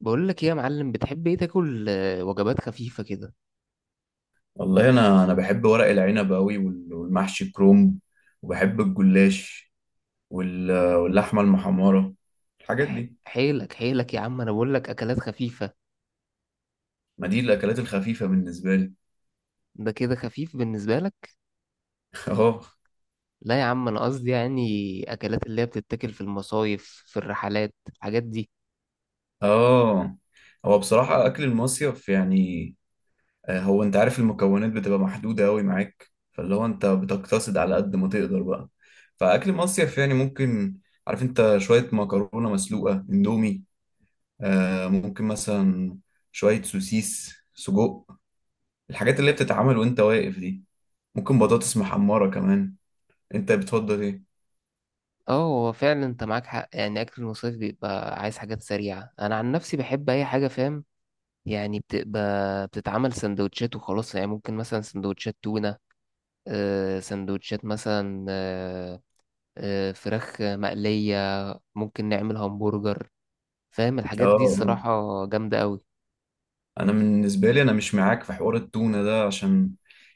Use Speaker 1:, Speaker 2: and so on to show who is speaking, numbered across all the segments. Speaker 1: بقول لك ايه يا معلم، بتحب ايه تاكل؟ وجبات خفيفة كده.
Speaker 2: والله، انا بحب ورق العنب قوي والمحشي كرومب، وبحب الجلاش، واللحمه المحمره، الحاجات دي.
Speaker 1: حيلك حيلك يا عم، انا بقول لك اكلات خفيفة.
Speaker 2: ما دي الاكلات الخفيفه بالنسبه لي.
Speaker 1: ده كده خفيف بالنسبة لك؟
Speaker 2: اه.
Speaker 1: لا يا عم، انا قصدي يعني اكلات اللي هي بتتاكل في المصايف، في الرحلات، الحاجات دي.
Speaker 2: اه. هو بصراحه اكل المصيف يعني، هو انت عارف المكونات بتبقى محدوده قوي معاك، فاللي هو انت بتقتصد على قد ما تقدر بقى. فاكل مصيف يعني ممكن. عارف انت، شويه مكرونه مسلوقه، اندومي. ممكن مثلا شويه سوسيس، سجق، الحاجات اللي بتتعمل وانت واقف دي، ممكن بطاطس محمرة كمان. انت بتفضل ايه؟
Speaker 1: اه، هو فعلا انت معاك حق، يعني اكل المصايف بيبقى عايز حاجات سريعة. انا عن نفسي بحب اي حاجة، فاهم؟ يعني بتبقى بتتعمل سندوتشات وخلاص، يعني ممكن مثلا سندوتشات تونة. سندوتشات مثلا، فراخ مقلية. ممكن نعمل همبرجر، فاهم الحاجات دي؟
Speaker 2: اه.
Speaker 1: الصراحة جامدة قوي.
Speaker 2: انا بالنسبة لي، انا مش معاك في حوار التونة ده، عشان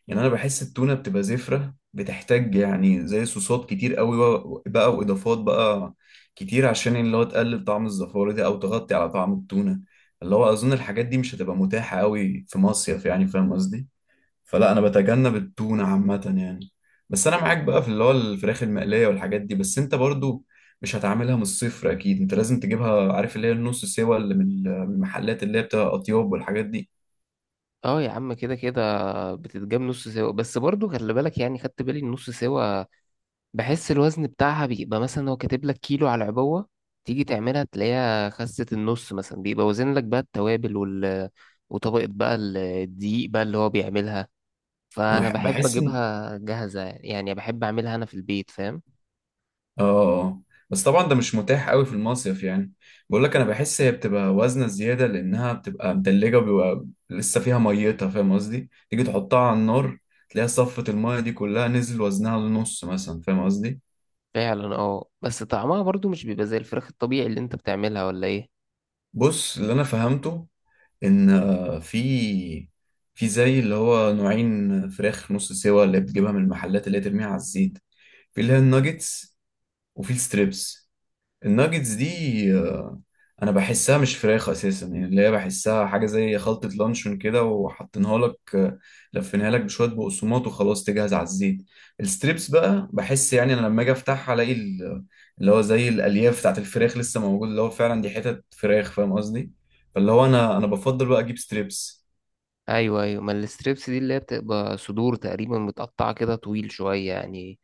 Speaker 2: يعني انا بحس التونة بتبقى زفرة، بتحتاج يعني زي صوصات كتير قوي، بقى واضافات بقى كتير، عشان اللي هو تقلل طعم الزفارة دي او تغطي على طعم التونة. اللي هو اظن الحاجات دي مش هتبقى متاحة قوي في مصيف، يعني فاهم قصدي. فلا، انا بتجنب التونه عامه يعني. بس انا معاك بقى في اللي هو الفراخ المقليه والحاجات دي، بس انت برضو مش هتعملها من الصفر، اكيد انت لازم تجيبها، عارف اللي هي النص سوا اللي من المحلات اللي هي بتبقى اطياب والحاجات دي.
Speaker 1: اه يا عم، كده كده بتتجاب نص سوا، بس برضو خلي بالك. يعني خدت بالي النص سوا بحس الوزن بتاعها بيبقى مثلا هو كاتب لك كيلو على العبوة، تيجي تعملها تلاقيها خست النص مثلا. بيبقى وزن لك بقى التوابل وطبقة بقى الدقيق بقى اللي هو بيعملها.
Speaker 2: انا
Speaker 1: فأنا بحب
Speaker 2: بحس ان.
Speaker 1: أجيبها جاهزة، يعني بحب أعملها أنا في البيت، فاهم؟
Speaker 2: اه. آه. بس طبعا ده مش متاح قوي في المصيف يعني. بقول لك، انا بحس هي بتبقى وزنه زياده، لانها بتبقى متلجه وبيبقى لسه فيها ميتها، فاهم قصدي؟ تيجي تحطها على النار، تلاقيها صفت المايه دي كلها، نزل وزنها للنص مثلا، فاهم قصدي؟
Speaker 1: فعلا، اه، بس طعمها برضو مش بيبقى زي الفراخ الطبيعي اللي انت بتعملها، ولا ايه؟
Speaker 2: بص، اللي انا فهمته ان، في زي اللي هو نوعين فراخ نص سوا اللي بتجيبها من المحلات، اللي هي ترميها على الزيت. في اللي هي الناجتس، وفي الستريبس. الناجتس دي، آه، انا بحسها مش فراخ اساسا، يعني اللي هي بحسها حاجه زي خلطه لانشون كده، وحاطينها لك، لفينها لك بشويه بقسماط وخلاص تجهز على الزيت. الستريبس بقى بحس، يعني انا لما اجي افتحها، الاقي اللي هو زي الالياف بتاعت الفراخ لسه موجود، اللي هو فعلا دي حتت فراخ، فاهم قصدي؟ فاللي هو انا بفضل بقى اجيب ستريبس.
Speaker 1: ايوه ايوه، ما الستريبس دي اللي هي بتبقى صدور تقريبا متقطعه كده، طويل شويه يعني.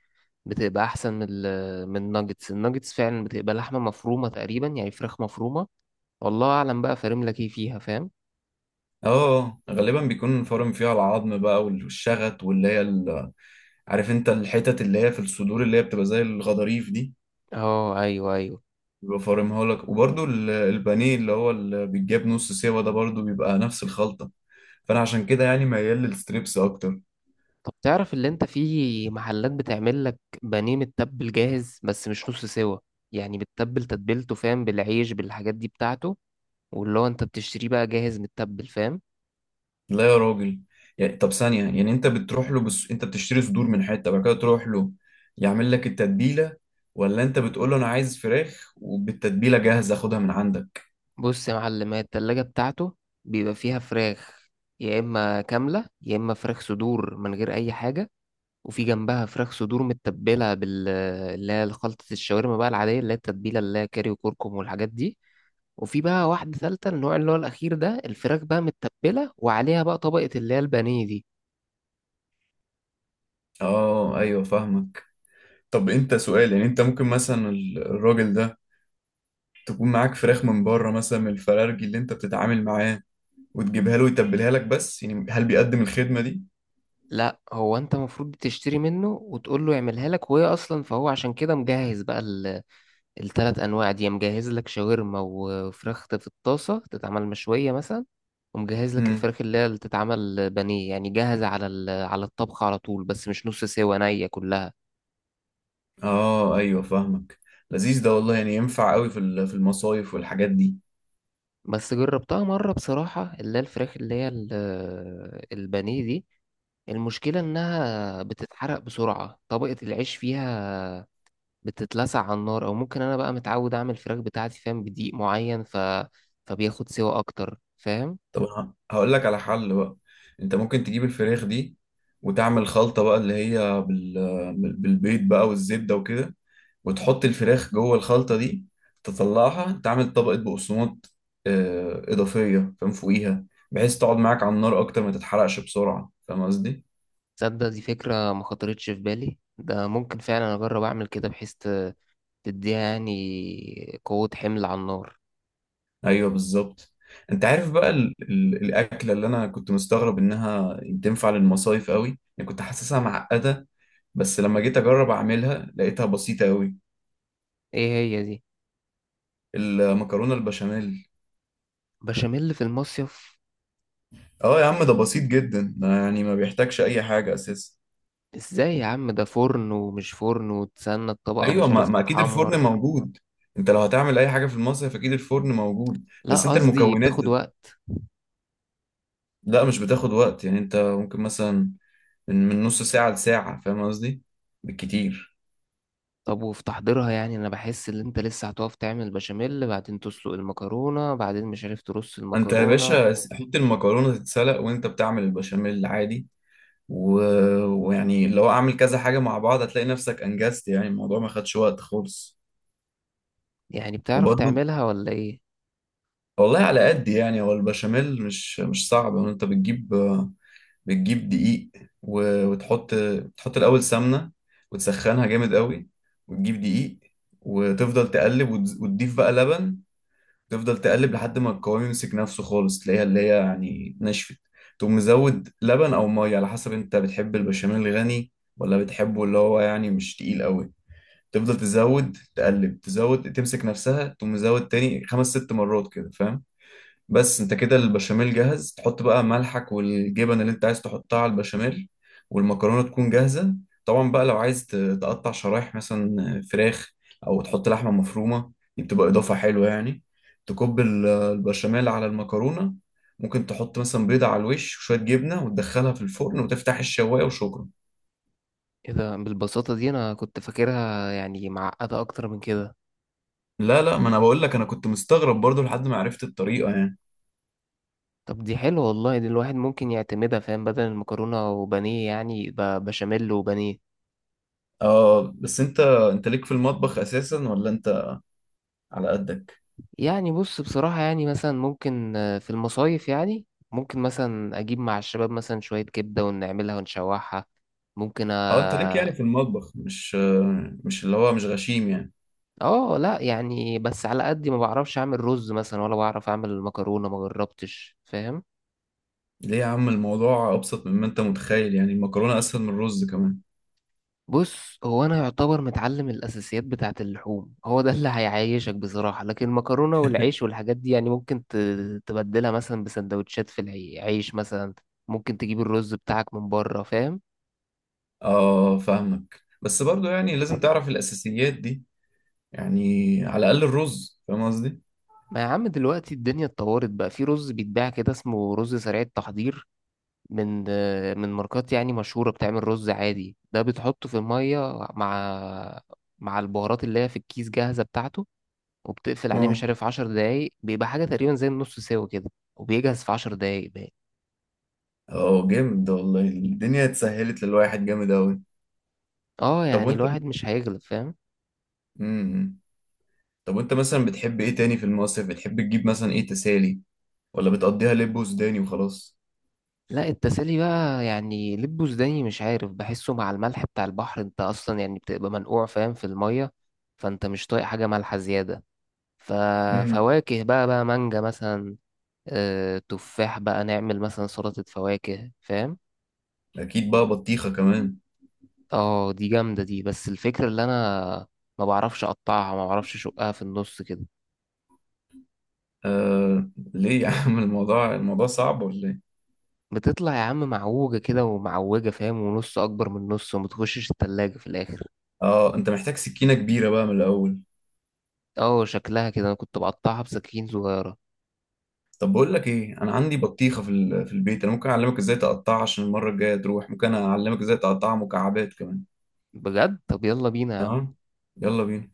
Speaker 1: بتبقى احسن من من الناجتس. الناجتس فعلا بتبقى لحمه مفرومه تقريبا، يعني فراخ مفرومه، والله اعلم بقى فارم لك ايه فيها، فاهم؟
Speaker 2: اه. غالبا بيكون فرم فيها العظم بقى والشغط، واللي هي عارف انت الحتت اللي هي في الصدور اللي هي بتبقى زي الغضاريف دي.
Speaker 1: اه، ايوه ايوه.
Speaker 2: بيبقى فارمها لك. وبرده البانيه اللي هو اللي بيتجاب نص سوا ده، برده بيبقى نفس الخلطة. فأنا عشان كده يعني ميال للستريبس أكتر.
Speaker 1: طب تعرف اللي انت في محلات بتعمل لك بانيه متبل جاهز، بس مش نص سوا؟ يعني بتتبل تتبيلته، فاهم؟ بالعيش بالحاجات دي بتاعته. واللي هو انت بتشتريه بقى جاهز متبل، فاهم؟
Speaker 2: لا يا راجل. يعني طب ثانية، يعني أنت بتروح له بس أنت بتشتري صدور من حتة، بعد كده تروح له يعمل لك التتبيلة؟ ولا أنت بتقول له أنا عايز فراخ وبالتتبيلة جاهزة أخدها من عندك؟
Speaker 1: بص يا معلم، هي التلاجة بتاعته بيبقى فيها فراخ، يا إما كاملة يا إما فراخ صدور من غير أي حاجة. وفي جنبها فراخ صدور متبلة اللي هي خلطة الشاورما بقى العادية، اللي هي التتبيلة اللي هي كاري وكركم والحاجات دي. وفي بقى واحدة تالتة، النوع اللي هو الأخير ده، الفراخ بقى متبلة وعليها بقى طبقة اللي هي البانيه دي.
Speaker 2: أه، أيوه فاهمك. طب أنت سؤال، يعني أنت ممكن مثلا الراجل ده تكون معاك فراخ من بره مثلا من الفرارجي اللي أنت بتتعامل معاه، وتجيبها له ويتبلها لك، بس يعني هل بيقدم الخدمة دي؟
Speaker 1: لا، هو أنت المفروض تشتري منه وتقول له يعملها لك، وهي أصلا فهو عشان كده مجهز بقى التلات انواع دي. مجهز لك شاورما وفراخ في الطاسه تتعمل مشويه مثلا، ومجهز لك
Speaker 2: امم.
Speaker 1: الفراخ اللي تتعمل بانيه، يعني جاهزه على على الطبخ على طول، بس مش نص سوا، نيه كلها.
Speaker 2: اه، ايوه فاهمك. لذيذ ده والله، يعني ينفع قوي في المصايف والحاجات دي.
Speaker 1: بس جربتها مره بصراحه، اللي هي الفراخ اللي هي البانيه دي، المشكله انها بتتحرق بسرعه، طبقه العيش فيها بتتلسع على النار. او ممكن انا بقى متعود اعمل الفراخ بتاعتي، فاهم؟ بدقيق معين، فبياخد سوا اكتر، فاهم؟
Speaker 2: طب انا هقول لك على حل بقى. انت ممكن تجيب الفراخ دي، وتعمل خلطة بقى اللي هي بالبيض بقى والزبدة وكده، وتحط الفراخ جوه الخلطة دي، تطلعها تعمل طبقة بقسماط إضافية، فاهم، فوقيها، بحيث تقعد معاك على النار أكتر ما تتحرقش بسرعة، فاهم قصدي؟
Speaker 1: تصدق دي فكرة ما خطرتش في بالي؟ ده ممكن فعلا أجرب أعمل كده، بحيث تديها يعني قوة حمل على النار.
Speaker 2: ايوه بالظبط. انت عارف بقى الاكله اللي انا كنت مستغرب انها تنفع للمصايف قوي، يعني كنت حاسسها معقده، بس لما جيت اجرب اعملها لقيتها بسيطه قوي.
Speaker 1: إيه هي دي؟
Speaker 2: المكرونه البشاميل.
Speaker 1: بشاميل في المصيف؟
Speaker 2: اه يا عم، ده بسيط جدا ده، يعني ما بيحتاجش اي حاجه اساسا.
Speaker 1: إزاي يا عم؟ ده فرن ومش فرن وتستنى الطبقة
Speaker 2: ايوه،
Speaker 1: مش
Speaker 2: ما...
Speaker 1: عارف
Speaker 2: ما اكيد الفرن
Speaker 1: تتحمر.
Speaker 2: موجود. انت لو هتعمل اي حاجه في المصيف، اكيد الفرن موجود.
Speaker 1: لا،
Speaker 2: بس انت
Speaker 1: قصدي
Speaker 2: المكونات.
Speaker 1: بتاخد وقت.
Speaker 2: لا، مش بتاخد وقت. يعني انت ممكن مثلا من نص ساعه لساعه، فاهم قصدي، بالكتير.
Speaker 1: طب وفي تحضيرها، يعني أنا بحس إن أنت لسه هتقف تعمل بشاميل، بعدين تسلق المكرونة، بعدين مش عارف ترص
Speaker 2: انت يا
Speaker 1: المكرونة.
Speaker 2: باشا، حط المكرونه تتسلق وانت بتعمل البشاميل عادي، و... ويعني لو اعمل كذا حاجه مع بعض هتلاقي نفسك انجزت، يعني الموضوع ما خدش وقت خالص.
Speaker 1: يعني بتعرف
Speaker 2: وبرضو
Speaker 1: تعملها ولا إيه؟
Speaker 2: والله على قد، يعني هو البشاميل مش صعب، يعني انت بتجيب دقيق. وتحط الاول سمنه، وتسخنها جامد قوي، وتجيب دقيق، وتفضل تقلب، وتضيف بقى لبن. تفضل تقلب لحد ما القوام يمسك نفسه خالص، تلاقيها اللي هي يعني اتنشفت. تقوم مزود لبن او ميه، على حسب انت بتحب البشاميل الغني، ولا بتحبه اللي هو يعني مش تقيل قوي. تفضل تزود تقلب، تزود تمسك نفسها، تقوم مزود تاني خمس ست مرات كده، فاهم. بس انت كده البشاميل جاهز، تحط بقى ملحك والجبن اللي انت عايز تحطها على البشاميل، والمكرونة تكون جاهزة. طبعا بقى لو عايز تقطع شرايح مثلا فراخ، او تحط لحمة مفرومة، دي بتبقى اضافة حلوة يعني. تكب البشاميل على المكرونة، ممكن تحط مثلا بيضة على الوش، وشوية جبنة، وتدخلها في الفرن وتفتح الشواية، وشكرا.
Speaker 1: إيه ده بالبساطة دي؟ أنا كنت فاكرها يعني معقدة أكتر من كده.
Speaker 2: لا لا، ما انا بقول لك، انا كنت مستغرب برضو لحد ما عرفت الطريقة يعني.
Speaker 1: طب دي حلوة والله، دي الواحد ممكن يعتمدها، فاهم؟ بدل المكرونة وبانيه يعني، يبقى بشاميل وبانيه.
Speaker 2: اه، بس انت ليك في المطبخ اساسا، ولا انت على قدك؟
Speaker 1: يعني بص بصراحة، يعني مثلا ممكن في المصايف، يعني ممكن مثلا أجيب مع الشباب مثلا شوية كبدة ونعملها ونشوحها. ممكن،
Speaker 2: اه، انت ليك يعني
Speaker 1: آه.
Speaker 2: في المطبخ، مش اللي هو مش غشيم يعني.
Speaker 1: آه لأ يعني، بس على قد ما بعرفش أعمل رز مثلا، ولا بعرف أعمل مكرونة، ما جربتش، فاهم؟
Speaker 2: ليه يا عم؟ الموضوع ابسط مما انت متخيل، يعني المكرونه اسهل من الرز كمان.
Speaker 1: بص، هو انا يعتبر متعلم الاساسيات بتاعه. اللحوم هو ده اللي هيعيشك بصراحه، لكن المكرونه والعيش والحاجات دي يعني ممكن تبدلها مثلا بسندوتشات، في العيش مثلا. ممكن تجيب الرز بتاعك من بره، فاهم؟
Speaker 2: اه فاهمك، بس برضو يعني لازم تعرف الاساسيات دي، يعني على الاقل الرز، فاهم قصدي.
Speaker 1: ما يا عم، دلوقتي الدنيا اتطورت بقى. في رز بيتباع كده اسمه رز سريع التحضير، من ماركات يعني مشهوره. بتعمل رز عادي ده بتحطه في الميه مع مع البهارات اللي هي في الكيس جاهزه بتاعته، وبتقفل عليه مش
Speaker 2: اه،
Speaker 1: عارف 10 دقايق. بيبقى حاجة تقريبا زي النص سوا كده، وبيجهز في 10 دقايق بقى.
Speaker 2: اه، جامد ده والله، الدنيا اتسهلت للواحد جامد اوي.
Speaker 1: اه،
Speaker 2: طب
Speaker 1: يعني
Speaker 2: وانت.
Speaker 1: الواحد مش هيغلب، فاهم؟
Speaker 2: امم طب وانت مثلا بتحب ايه تاني في المصيف؟ بتحب تجيب مثلا ايه تسالي، ولا بتقضيها لب وسوداني وخلاص؟
Speaker 1: لا، التسالي بقى يعني لب وزداني، مش عارف، بحسه مع الملح بتاع البحر. انت اصلا يعني بتبقى منقوع، فاهم؟ في المية، فانت مش طايق حاجة مالحة زيادة.
Speaker 2: امم.
Speaker 1: ففواكه بقى مانجا مثلا، تفاح بقى، نعمل مثلا سلطة فواكه، فاهم؟
Speaker 2: اكيد بقى بطيخه كمان.
Speaker 1: اه، دي جامدة دي، بس الفكرة اللي انا ما بعرفش اقطعها، ما بعرفش اشقها في النص كده.
Speaker 2: آه، ليه يا عم؟ الموضوع صعب ولا ايه؟
Speaker 1: بتطلع يا عم معوجة كده ومعوجة، فاهم؟ ونص أكبر من نص، وما تخشش التلاجة في الآخر.
Speaker 2: اه، انت محتاج سكينة كبيرة بقى من الأول.
Speaker 1: اه، شكلها كده. أنا كنت بقطعها بسكاكين صغيرة.
Speaker 2: طب بقول لك ايه، انا عندي بطيخة في البيت، انا ممكن اعلمك ازاي تقطعها، عشان المرة الجاية تروح ممكن اعلمك ازاي تقطعها مكعبات كمان.
Speaker 1: بجد؟ طب يلا بينا يا عم.
Speaker 2: تمام، يلا بينا.